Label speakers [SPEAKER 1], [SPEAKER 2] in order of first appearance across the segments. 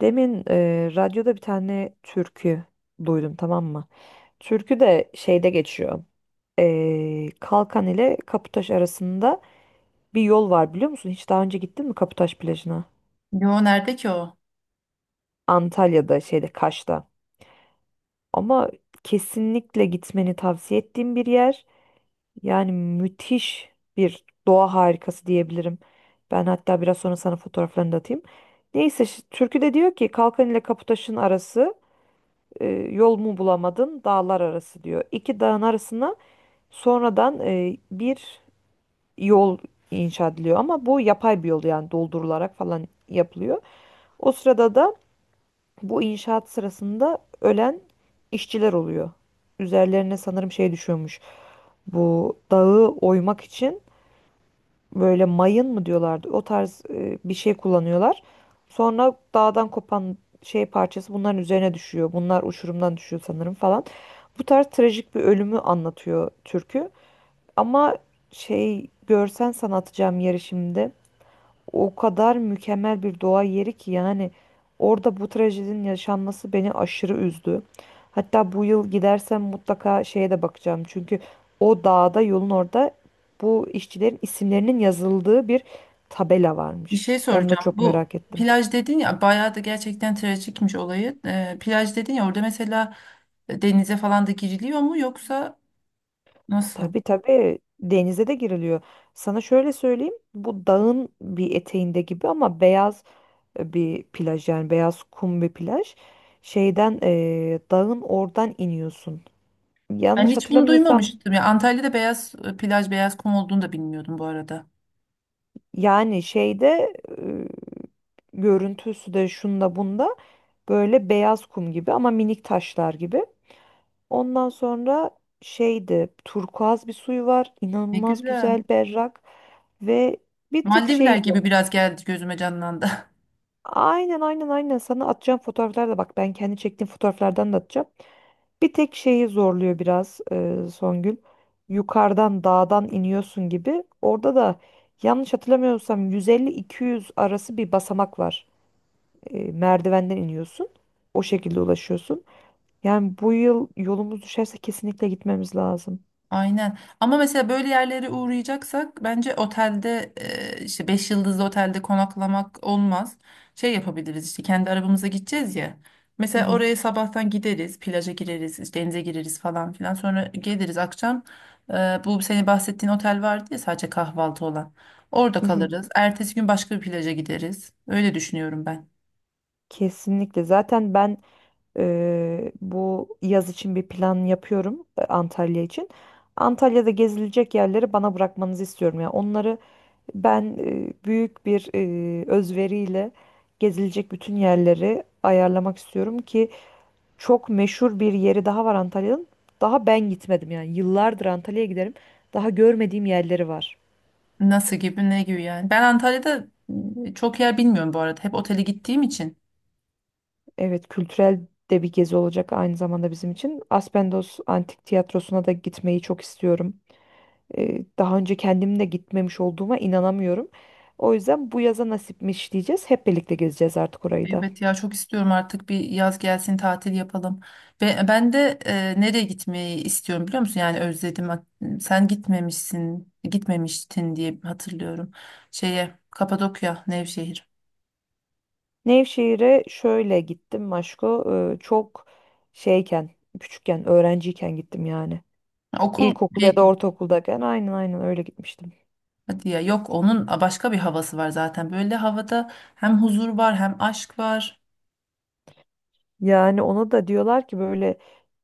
[SPEAKER 1] Demin radyoda bir tane türkü duydum, tamam mı? Türkü de şeyde geçiyor. Kalkan ile Kaputaş arasında bir yol var, biliyor musun? Hiç daha önce gittin mi Kaputaş plajına?
[SPEAKER 2] Yo, nerede ki o?
[SPEAKER 1] Antalya'da şeyde, Kaş'ta. Ama kesinlikle gitmeni tavsiye ettiğim bir yer. Yani müthiş bir doğa harikası diyebilirim. Ben hatta biraz sonra sana fotoğraflarını da atayım. Neyse türkü de diyor ki Kalkan ile Kaputaş'ın arası, E, yol mu bulamadın dağlar arası diyor. İki dağın arasına sonradan bir yol inşa ediliyor ama bu yapay bir yol, yani doldurularak falan yapılıyor. O sırada da bu inşaat sırasında ölen işçiler oluyor. Üzerlerine sanırım şey düşüyormuş. Bu dağı oymak için böyle mayın mı diyorlardı, o tarz bir şey kullanıyorlar. Sonra dağdan kopan şey parçası bunların üzerine düşüyor. Bunlar uçurumdan düşüyor sanırım falan. Bu tarz trajik bir ölümü anlatıyor türkü. Ama şey, görsen sana atacağım yeri şimdi. O kadar mükemmel bir doğa yeri ki yani orada bu trajedinin yaşanması beni aşırı üzdü. Hatta bu yıl gidersem mutlaka şeye de bakacağım. Çünkü o dağda, yolun orada, bu işçilerin isimlerinin yazıldığı bir tabela
[SPEAKER 2] Bir
[SPEAKER 1] varmış.
[SPEAKER 2] şey
[SPEAKER 1] Onu da
[SPEAKER 2] soracağım.
[SPEAKER 1] çok
[SPEAKER 2] Bu
[SPEAKER 1] merak ettim.
[SPEAKER 2] plaj dedin ya, bayağı da gerçekten trajikmiş olayı. Plaj dedin ya, orada mesela denize falan da giriliyor mu, yoksa nasıl?
[SPEAKER 1] Tabii tabii, denize de giriliyor. Sana şöyle söyleyeyim. Bu dağın bir eteğinde gibi ama beyaz bir plaj, yani beyaz kum bir plaj. Şeyden dağın oradan iniyorsun.
[SPEAKER 2] Ben
[SPEAKER 1] Yanlış
[SPEAKER 2] hiç bunu
[SPEAKER 1] hatırlamıyorsam
[SPEAKER 2] duymamıştım. Ya Antalya'da beyaz plaj, beyaz kum olduğunu da bilmiyordum bu arada.
[SPEAKER 1] yani şeyde, e, görüntüsü de şunda bunda böyle beyaz kum gibi ama minik taşlar gibi. Ondan sonra şeydi, turkuaz bir suyu var,
[SPEAKER 2] Ne
[SPEAKER 1] inanılmaz
[SPEAKER 2] güzel.
[SPEAKER 1] güzel, berrak ve bir tık
[SPEAKER 2] Maldivler
[SPEAKER 1] şey zor.
[SPEAKER 2] gibi biraz geldi, gözüme canlandı.
[SPEAKER 1] Aynen aynen aynen, sana atacağım fotoğraflar da, bak ben kendi çektiğim fotoğraflardan da atacağım. Bir tek şeyi zorluyor biraz, Songül. Yukarıdan dağdan iniyorsun gibi. Orada da yanlış hatırlamıyorsam 150-200 arası bir basamak var. Merdivenden iniyorsun. O şekilde ulaşıyorsun. Yani bu yıl yolumuz düşerse kesinlikle gitmemiz lazım.
[SPEAKER 2] Aynen. Ama mesela böyle yerlere uğrayacaksak bence otelde işte 5 yıldızlı otelde konaklamak olmaz. Şey yapabiliriz işte, kendi arabamıza gideceğiz ya.
[SPEAKER 1] Hı
[SPEAKER 2] Mesela
[SPEAKER 1] hı,
[SPEAKER 2] oraya sabahtan gideriz, plaja gireriz, işte denize gireriz falan filan. Sonra geliriz akşam. e, bu senin bahsettiğin otel vardı ya, sadece kahvaltı olan. Orada
[SPEAKER 1] hı hı.
[SPEAKER 2] kalırız. Ertesi gün başka bir plaja gideriz. Öyle düşünüyorum ben.
[SPEAKER 1] Kesinlikle. Zaten ben bu yaz için bir plan yapıyorum, Antalya için. Antalya'da gezilecek yerleri bana bırakmanızı istiyorum. Yani onları ben büyük bir özveriyle gezilecek bütün yerleri ayarlamak istiyorum, ki çok meşhur bir yeri daha var Antalya'nın. Daha ben gitmedim, yani yıllardır Antalya'ya giderim. Daha görmediğim yerleri var.
[SPEAKER 2] Nasıl gibi, ne gibi yani. Ben Antalya'da çok yer bilmiyorum bu arada. Hep otele gittiğim için.
[SPEAKER 1] Evet, kültürel de bir gezi olacak aynı zamanda bizim için. Aspendos Antik Tiyatrosu'na da gitmeyi çok istiyorum. Daha önce kendim de gitmemiş olduğuma inanamıyorum. O yüzden bu yaza nasipmiş diyeceğiz. Hep birlikte gezeceğiz artık orayı da.
[SPEAKER 2] Evet ya, çok istiyorum artık bir yaz gelsin, tatil yapalım. Ve ben de nereye gitmeyi istiyorum biliyor musun? Yani özledim. Sen gitmemişsin, gitmemiştin diye hatırlıyorum. Şeye Kapadokya, Nevşehir.
[SPEAKER 1] Nevşehir'e şöyle gittim Maşko. Çok şeyken, küçükken, öğrenciyken gittim yani.
[SPEAKER 2] Okul
[SPEAKER 1] İlkokul ya da
[SPEAKER 2] peki.
[SPEAKER 1] ortaokuldayken, aynen aynen, öyle gitmiştim.
[SPEAKER 2] Hadi ya, yok onun başka bir havası var zaten. Böyle havada hem huzur var hem aşk var.
[SPEAKER 1] Yani ona da diyorlar ki böyle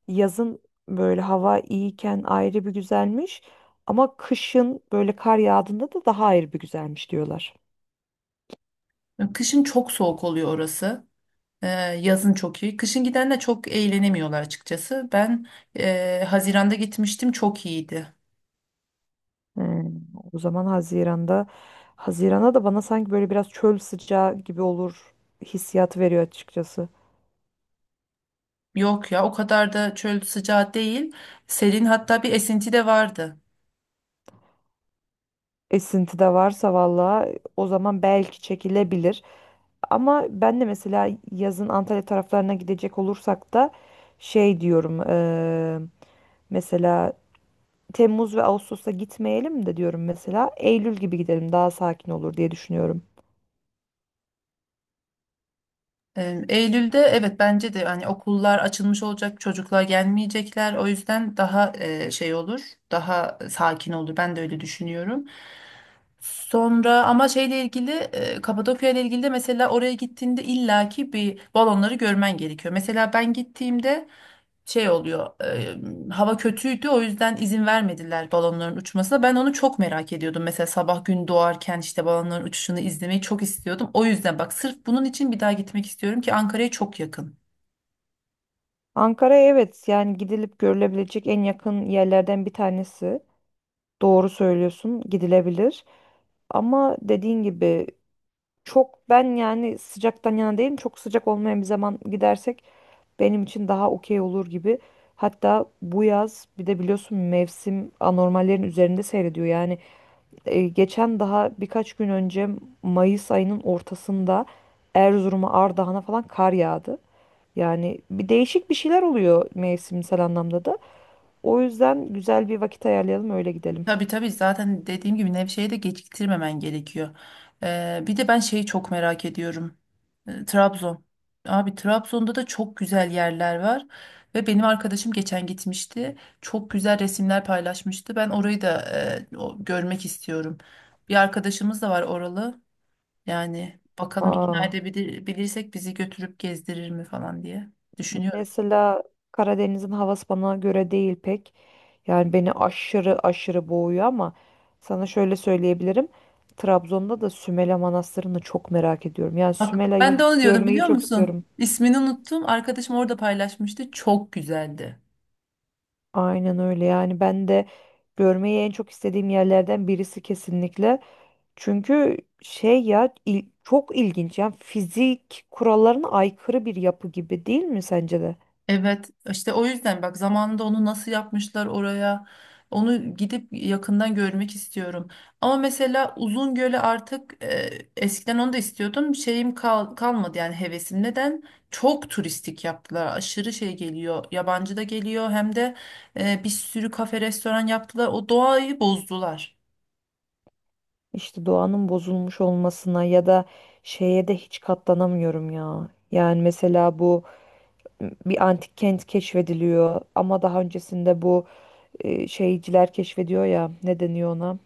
[SPEAKER 1] yazın, böyle hava iyiyken ayrı bir güzelmiş ama kışın böyle kar yağdığında da daha ayrı bir güzelmiş diyorlar.
[SPEAKER 2] Kışın çok soğuk oluyor orası. E, yazın çok iyi. Kışın gidenler çok eğlenemiyorlar açıkçası. Ben Haziran'da gitmiştim, çok iyiydi.
[SPEAKER 1] Hmm. O zaman Haziran'da, Haziran'a da bana sanki böyle biraz çöl sıcağı gibi olur hissiyatı veriyor açıkçası.
[SPEAKER 2] Yok ya, o kadar da çöl sıcağı değil. Serin, hatta bir esinti de vardı.
[SPEAKER 1] Esinti de varsa valla o zaman belki çekilebilir. Ama ben de mesela yazın Antalya taraflarına gidecek olursak da şey diyorum, mesela Temmuz ve Ağustos'a gitmeyelim de diyorum mesela. Eylül gibi gidelim, daha sakin olur diye düşünüyorum.
[SPEAKER 2] Eylül'de evet, bence de hani okullar açılmış olacak, çocuklar gelmeyecekler. O yüzden daha şey olur, daha sakin olur. Ben de öyle düşünüyorum. Sonra ama şeyle ilgili, Kapadokya ile ilgili de mesela, oraya gittiğinde illaki bir balonları görmen gerekiyor. Mesela ben gittiğimde şey oluyor, hava kötüydü, o yüzden izin vermediler balonların uçmasına. Ben onu çok merak ediyordum. Mesela sabah gün doğarken işte balonların uçuşunu izlemeyi çok istiyordum. O yüzden bak, sırf bunun için bir daha gitmek istiyorum ki Ankara'ya çok yakın.
[SPEAKER 1] Ankara, evet, yani gidilip görülebilecek en yakın yerlerden bir tanesi. Doğru söylüyorsun, gidilebilir. Ama dediğin gibi çok, ben yani sıcaktan yana değilim. Çok sıcak olmayan bir zaman gidersek benim için daha okey olur gibi. Hatta bu yaz bir de biliyorsun mevsim anormallerin üzerinde seyrediyor. Yani geçen daha birkaç gün önce, Mayıs ayının ortasında, Erzurum'a, Ardahan'a falan kar yağdı. Yani bir değişik bir şeyler oluyor mevsimsel anlamda da. O yüzden güzel bir vakit ayarlayalım, öyle gidelim.
[SPEAKER 2] Tabii tabii, zaten dediğim gibi Nevşehir'e de geciktirmemen gerekiyor. Bir de ben şeyi çok merak ediyorum. Trabzon. Abi, Trabzon'da da çok güzel yerler var ve benim arkadaşım geçen gitmişti. Çok güzel resimler paylaşmıştı. Ben orayı da görmek istiyorum. Bir arkadaşımız da var oralı. Yani bakalım, ikna
[SPEAKER 1] Aa,
[SPEAKER 2] edebilirsek bizi götürüp gezdirir mi falan diye düşünüyorum.
[SPEAKER 1] mesela Karadeniz'in havası bana göre değil pek. Yani beni aşırı aşırı boğuyor ama sana şöyle söyleyebilirim. Trabzon'da da Sümela Manastırı'nı çok merak ediyorum. Yani
[SPEAKER 2] Bak ben de
[SPEAKER 1] Sümela'yı
[SPEAKER 2] onu diyordum,
[SPEAKER 1] görmeyi
[SPEAKER 2] biliyor
[SPEAKER 1] çok
[SPEAKER 2] musun?
[SPEAKER 1] istiyorum.
[SPEAKER 2] İsmini unuttum. Arkadaşım orada paylaşmıştı. Çok güzeldi.
[SPEAKER 1] Aynen öyle, yani ben de görmeyi en çok istediğim yerlerden birisi kesinlikle. Çünkü şey ya, çok ilginç, yani fizik kurallarına aykırı bir yapı gibi, değil mi sence de?
[SPEAKER 2] Evet işte, o yüzden bak, zamanında onu nasıl yapmışlar oraya, onu gidip yakından görmek istiyorum. Ama mesela Uzungöl'e artık, eskiden onu da istiyordum, şeyim kalmadı yani, hevesim. Neden? Çok turistik yaptılar, aşırı şey geliyor, yabancı da geliyor hem de, bir sürü kafe restoran yaptılar, o doğayı bozdular.
[SPEAKER 1] İşte doğanın bozulmuş olmasına ya da şeye de hiç katlanamıyorum ya. Yani mesela bu bir antik kent keşfediliyor ama daha öncesinde bu şeyciler keşfediyor ya, ne deniyor ona?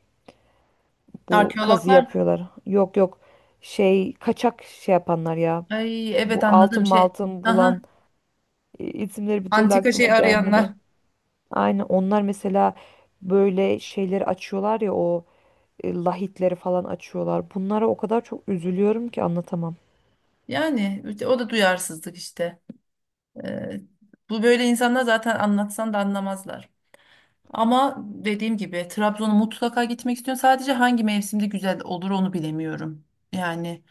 [SPEAKER 1] Bu kazı
[SPEAKER 2] Arkeologlar.
[SPEAKER 1] yapıyorlar. Yok yok, şey kaçak şey yapanlar ya.
[SPEAKER 2] Ay,
[SPEAKER 1] Bu
[SPEAKER 2] evet,
[SPEAKER 1] altın
[SPEAKER 2] anladım şey.
[SPEAKER 1] maltın
[SPEAKER 2] Aha,
[SPEAKER 1] bulan, isimleri bir türlü
[SPEAKER 2] antika
[SPEAKER 1] aklıma
[SPEAKER 2] şey arayanlar.
[SPEAKER 1] gelmedi. Aynen onlar, mesela böyle şeyleri açıyorlar ya, o lahitleri falan açıyorlar. Bunlara o kadar çok üzülüyorum ki anlatamam.
[SPEAKER 2] Yani işte, o da duyarsızlık işte. Ee, bu böyle insanlar zaten, anlatsan da anlamazlar. Ama dediğim gibi Trabzon'a mutlaka gitmek istiyorum. Sadece hangi mevsimde güzel olur onu bilemiyorum. Yani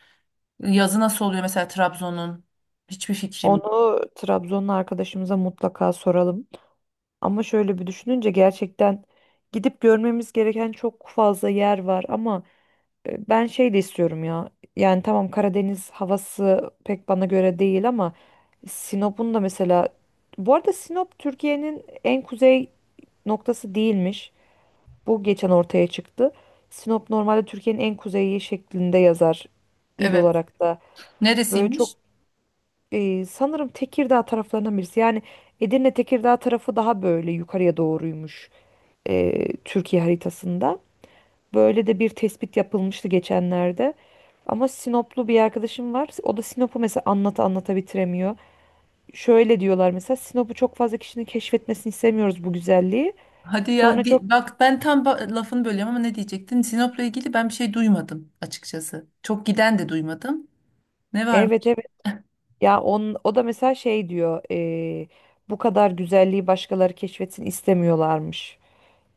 [SPEAKER 2] yazı nasıl oluyor mesela Trabzon'un? Hiçbir fikrim yok.
[SPEAKER 1] Onu Trabzonlu arkadaşımıza mutlaka soralım. Ama şöyle bir düşününce gerçekten gidip görmemiz gereken çok fazla yer var, ama ben şey de istiyorum ya. Yani tamam, Karadeniz havası pek bana göre değil ama Sinop'un da mesela, bu arada Sinop Türkiye'nin en kuzey noktası değilmiş. Bu geçen ortaya çıktı. Sinop normalde Türkiye'nin en kuzeyi şeklinde yazar, il
[SPEAKER 2] Evet.
[SPEAKER 1] olarak da. Böyle çok
[SPEAKER 2] Neresiymiş?
[SPEAKER 1] sanırım Tekirdağ taraflarından birisi. Yani Edirne, Tekirdağ tarafı daha böyle yukarıya doğruymuş, Türkiye haritasında. Böyle de bir tespit yapılmıştı geçenlerde. Ama Sinoplu bir arkadaşım var. O da Sinop'u mesela anlata anlata bitiremiyor. Şöyle diyorlar mesela, Sinop'u çok fazla kişinin keşfetmesini istemiyoruz bu güzelliği.
[SPEAKER 2] Hadi ya,
[SPEAKER 1] Sonra çok,
[SPEAKER 2] bak ben tam lafını bölüyorum ama ne diyecektin? Sinop'la ilgili ben bir şey duymadım açıkçası. Çok giden de duymadım. Ne var?
[SPEAKER 1] evet evet ya, o da mesela şey diyor, bu kadar güzelliği başkaları keşfetsin istemiyorlarmış.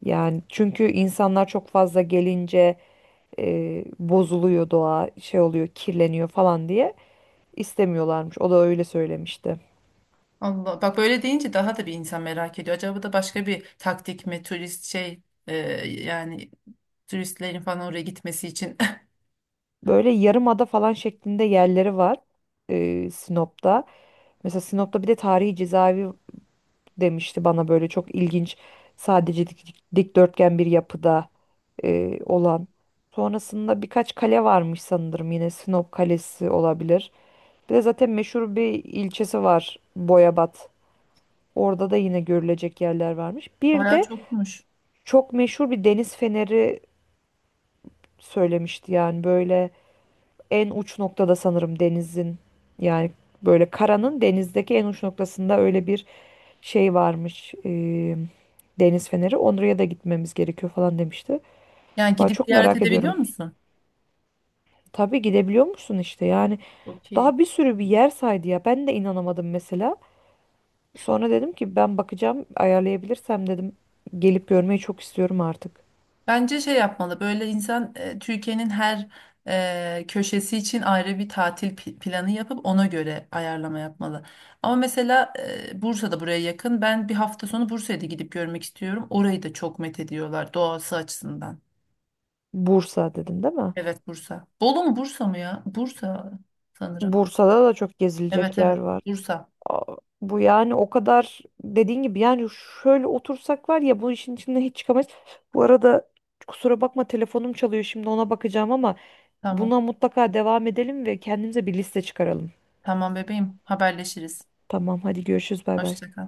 [SPEAKER 1] Yani çünkü insanlar çok fazla gelince bozuluyor doğa, şey oluyor, kirleniyor falan diye istemiyorlarmış. O da öyle söylemişti.
[SPEAKER 2] Allah, bak böyle deyince daha da bir insan merak ediyor. Acaba da başka bir taktik mi, turist şey yani, turistlerin falan oraya gitmesi için
[SPEAKER 1] Böyle yarımada falan şeklinde yerleri var, Sinop'ta. Mesela Sinop'ta bir de tarihi cezaevi demişti bana, böyle çok ilginç, sadece dikdörtgen bir yapıda olan. Sonrasında birkaç kale varmış, sanırım yine Sinop Kalesi olabilir. Bir de zaten meşhur bir ilçesi var, Boyabat. Orada da yine görülecek yerler varmış. Bir
[SPEAKER 2] bayağı
[SPEAKER 1] de
[SPEAKER 2] çokmuş.
[SPEAKER 1] çok meşhur bir deniz feneri söylemişti, yani böyle en uç noktada, sanırım denizin, yani böyle karanın denizdeki en uç noktasında öyle bir şey varmış. Deniz feneri. Oraya da gitmemiz gerekiyor falan demişti.
[SPEAKER 2] Yani
[SPEAKER 1] Vay,
[SPEAKER 2] gidip
[SPEAKER 1] çok
[SPEAKER 2] ziyaret
[SPEAKER 1] merak
[SPEAKER 2] edebiliyor
[SPEAKER 1] ediyorum.
[SPEAKER 2] musun?
[SPEAKER 1] Tabii, gidebiliyor musun işte, yani
[SPEAKER 2] Çok iyi.
[SPEAKER 1] daha bir sürü bir yer saydı ya, ben de inanamadım mesela. Sonra dedim ki ben bakacağım, ayarlayabilirsem dedim, gelip görmeyi çok istiyorum artık.
[SPEAKER 2] Bence şey yapmalı böyle insan, Türkiye'nin her köşesi için ayrı bir tatil planı yapıp ona göre ayarlama yapmalı. Ama mesela Bursa'da buraya yakın, ben bir hafta sonu Bursa'ya da gidip görmek istiyorum. Orayı da çok methediyorlar doğası açısından.
[SPEAKER 1] Bursa dedin değil mi?
[SPEAKER 2] Evet, Bursa. Bolu mu Bursa mı ya? Bursa sanırım.
[SPEAKER 1] Bursa'da da çok
[SPEAKER 2] Evet
[SPEAKER 1] gezilecek yer
[SPEAKER 2] evet,
[SPEAKER 1] var.
[SPEAKER 2] Bursa.
[SPEAKER 1] Aa, bu yani o kadar dediğin gibi yani, şöyle otursak var ya, bu işin içinden hiç çıkamayız. Bu arada kusura bakma, telefonum çalıyor, şimdi ona bakacağım ama buna
[SPEAKER 2] Tamam.
[SPEAKER 1] mutlaka devam edelim ve kendimize bir liste çıkaralım.
[SPEAKER 2] Tamam bebeğim. Haberleşiriz.
[SPEAKER 1] Tamam, hadi görüşürüz, bay bay.
[SPEAKER 2] Hoşça kal.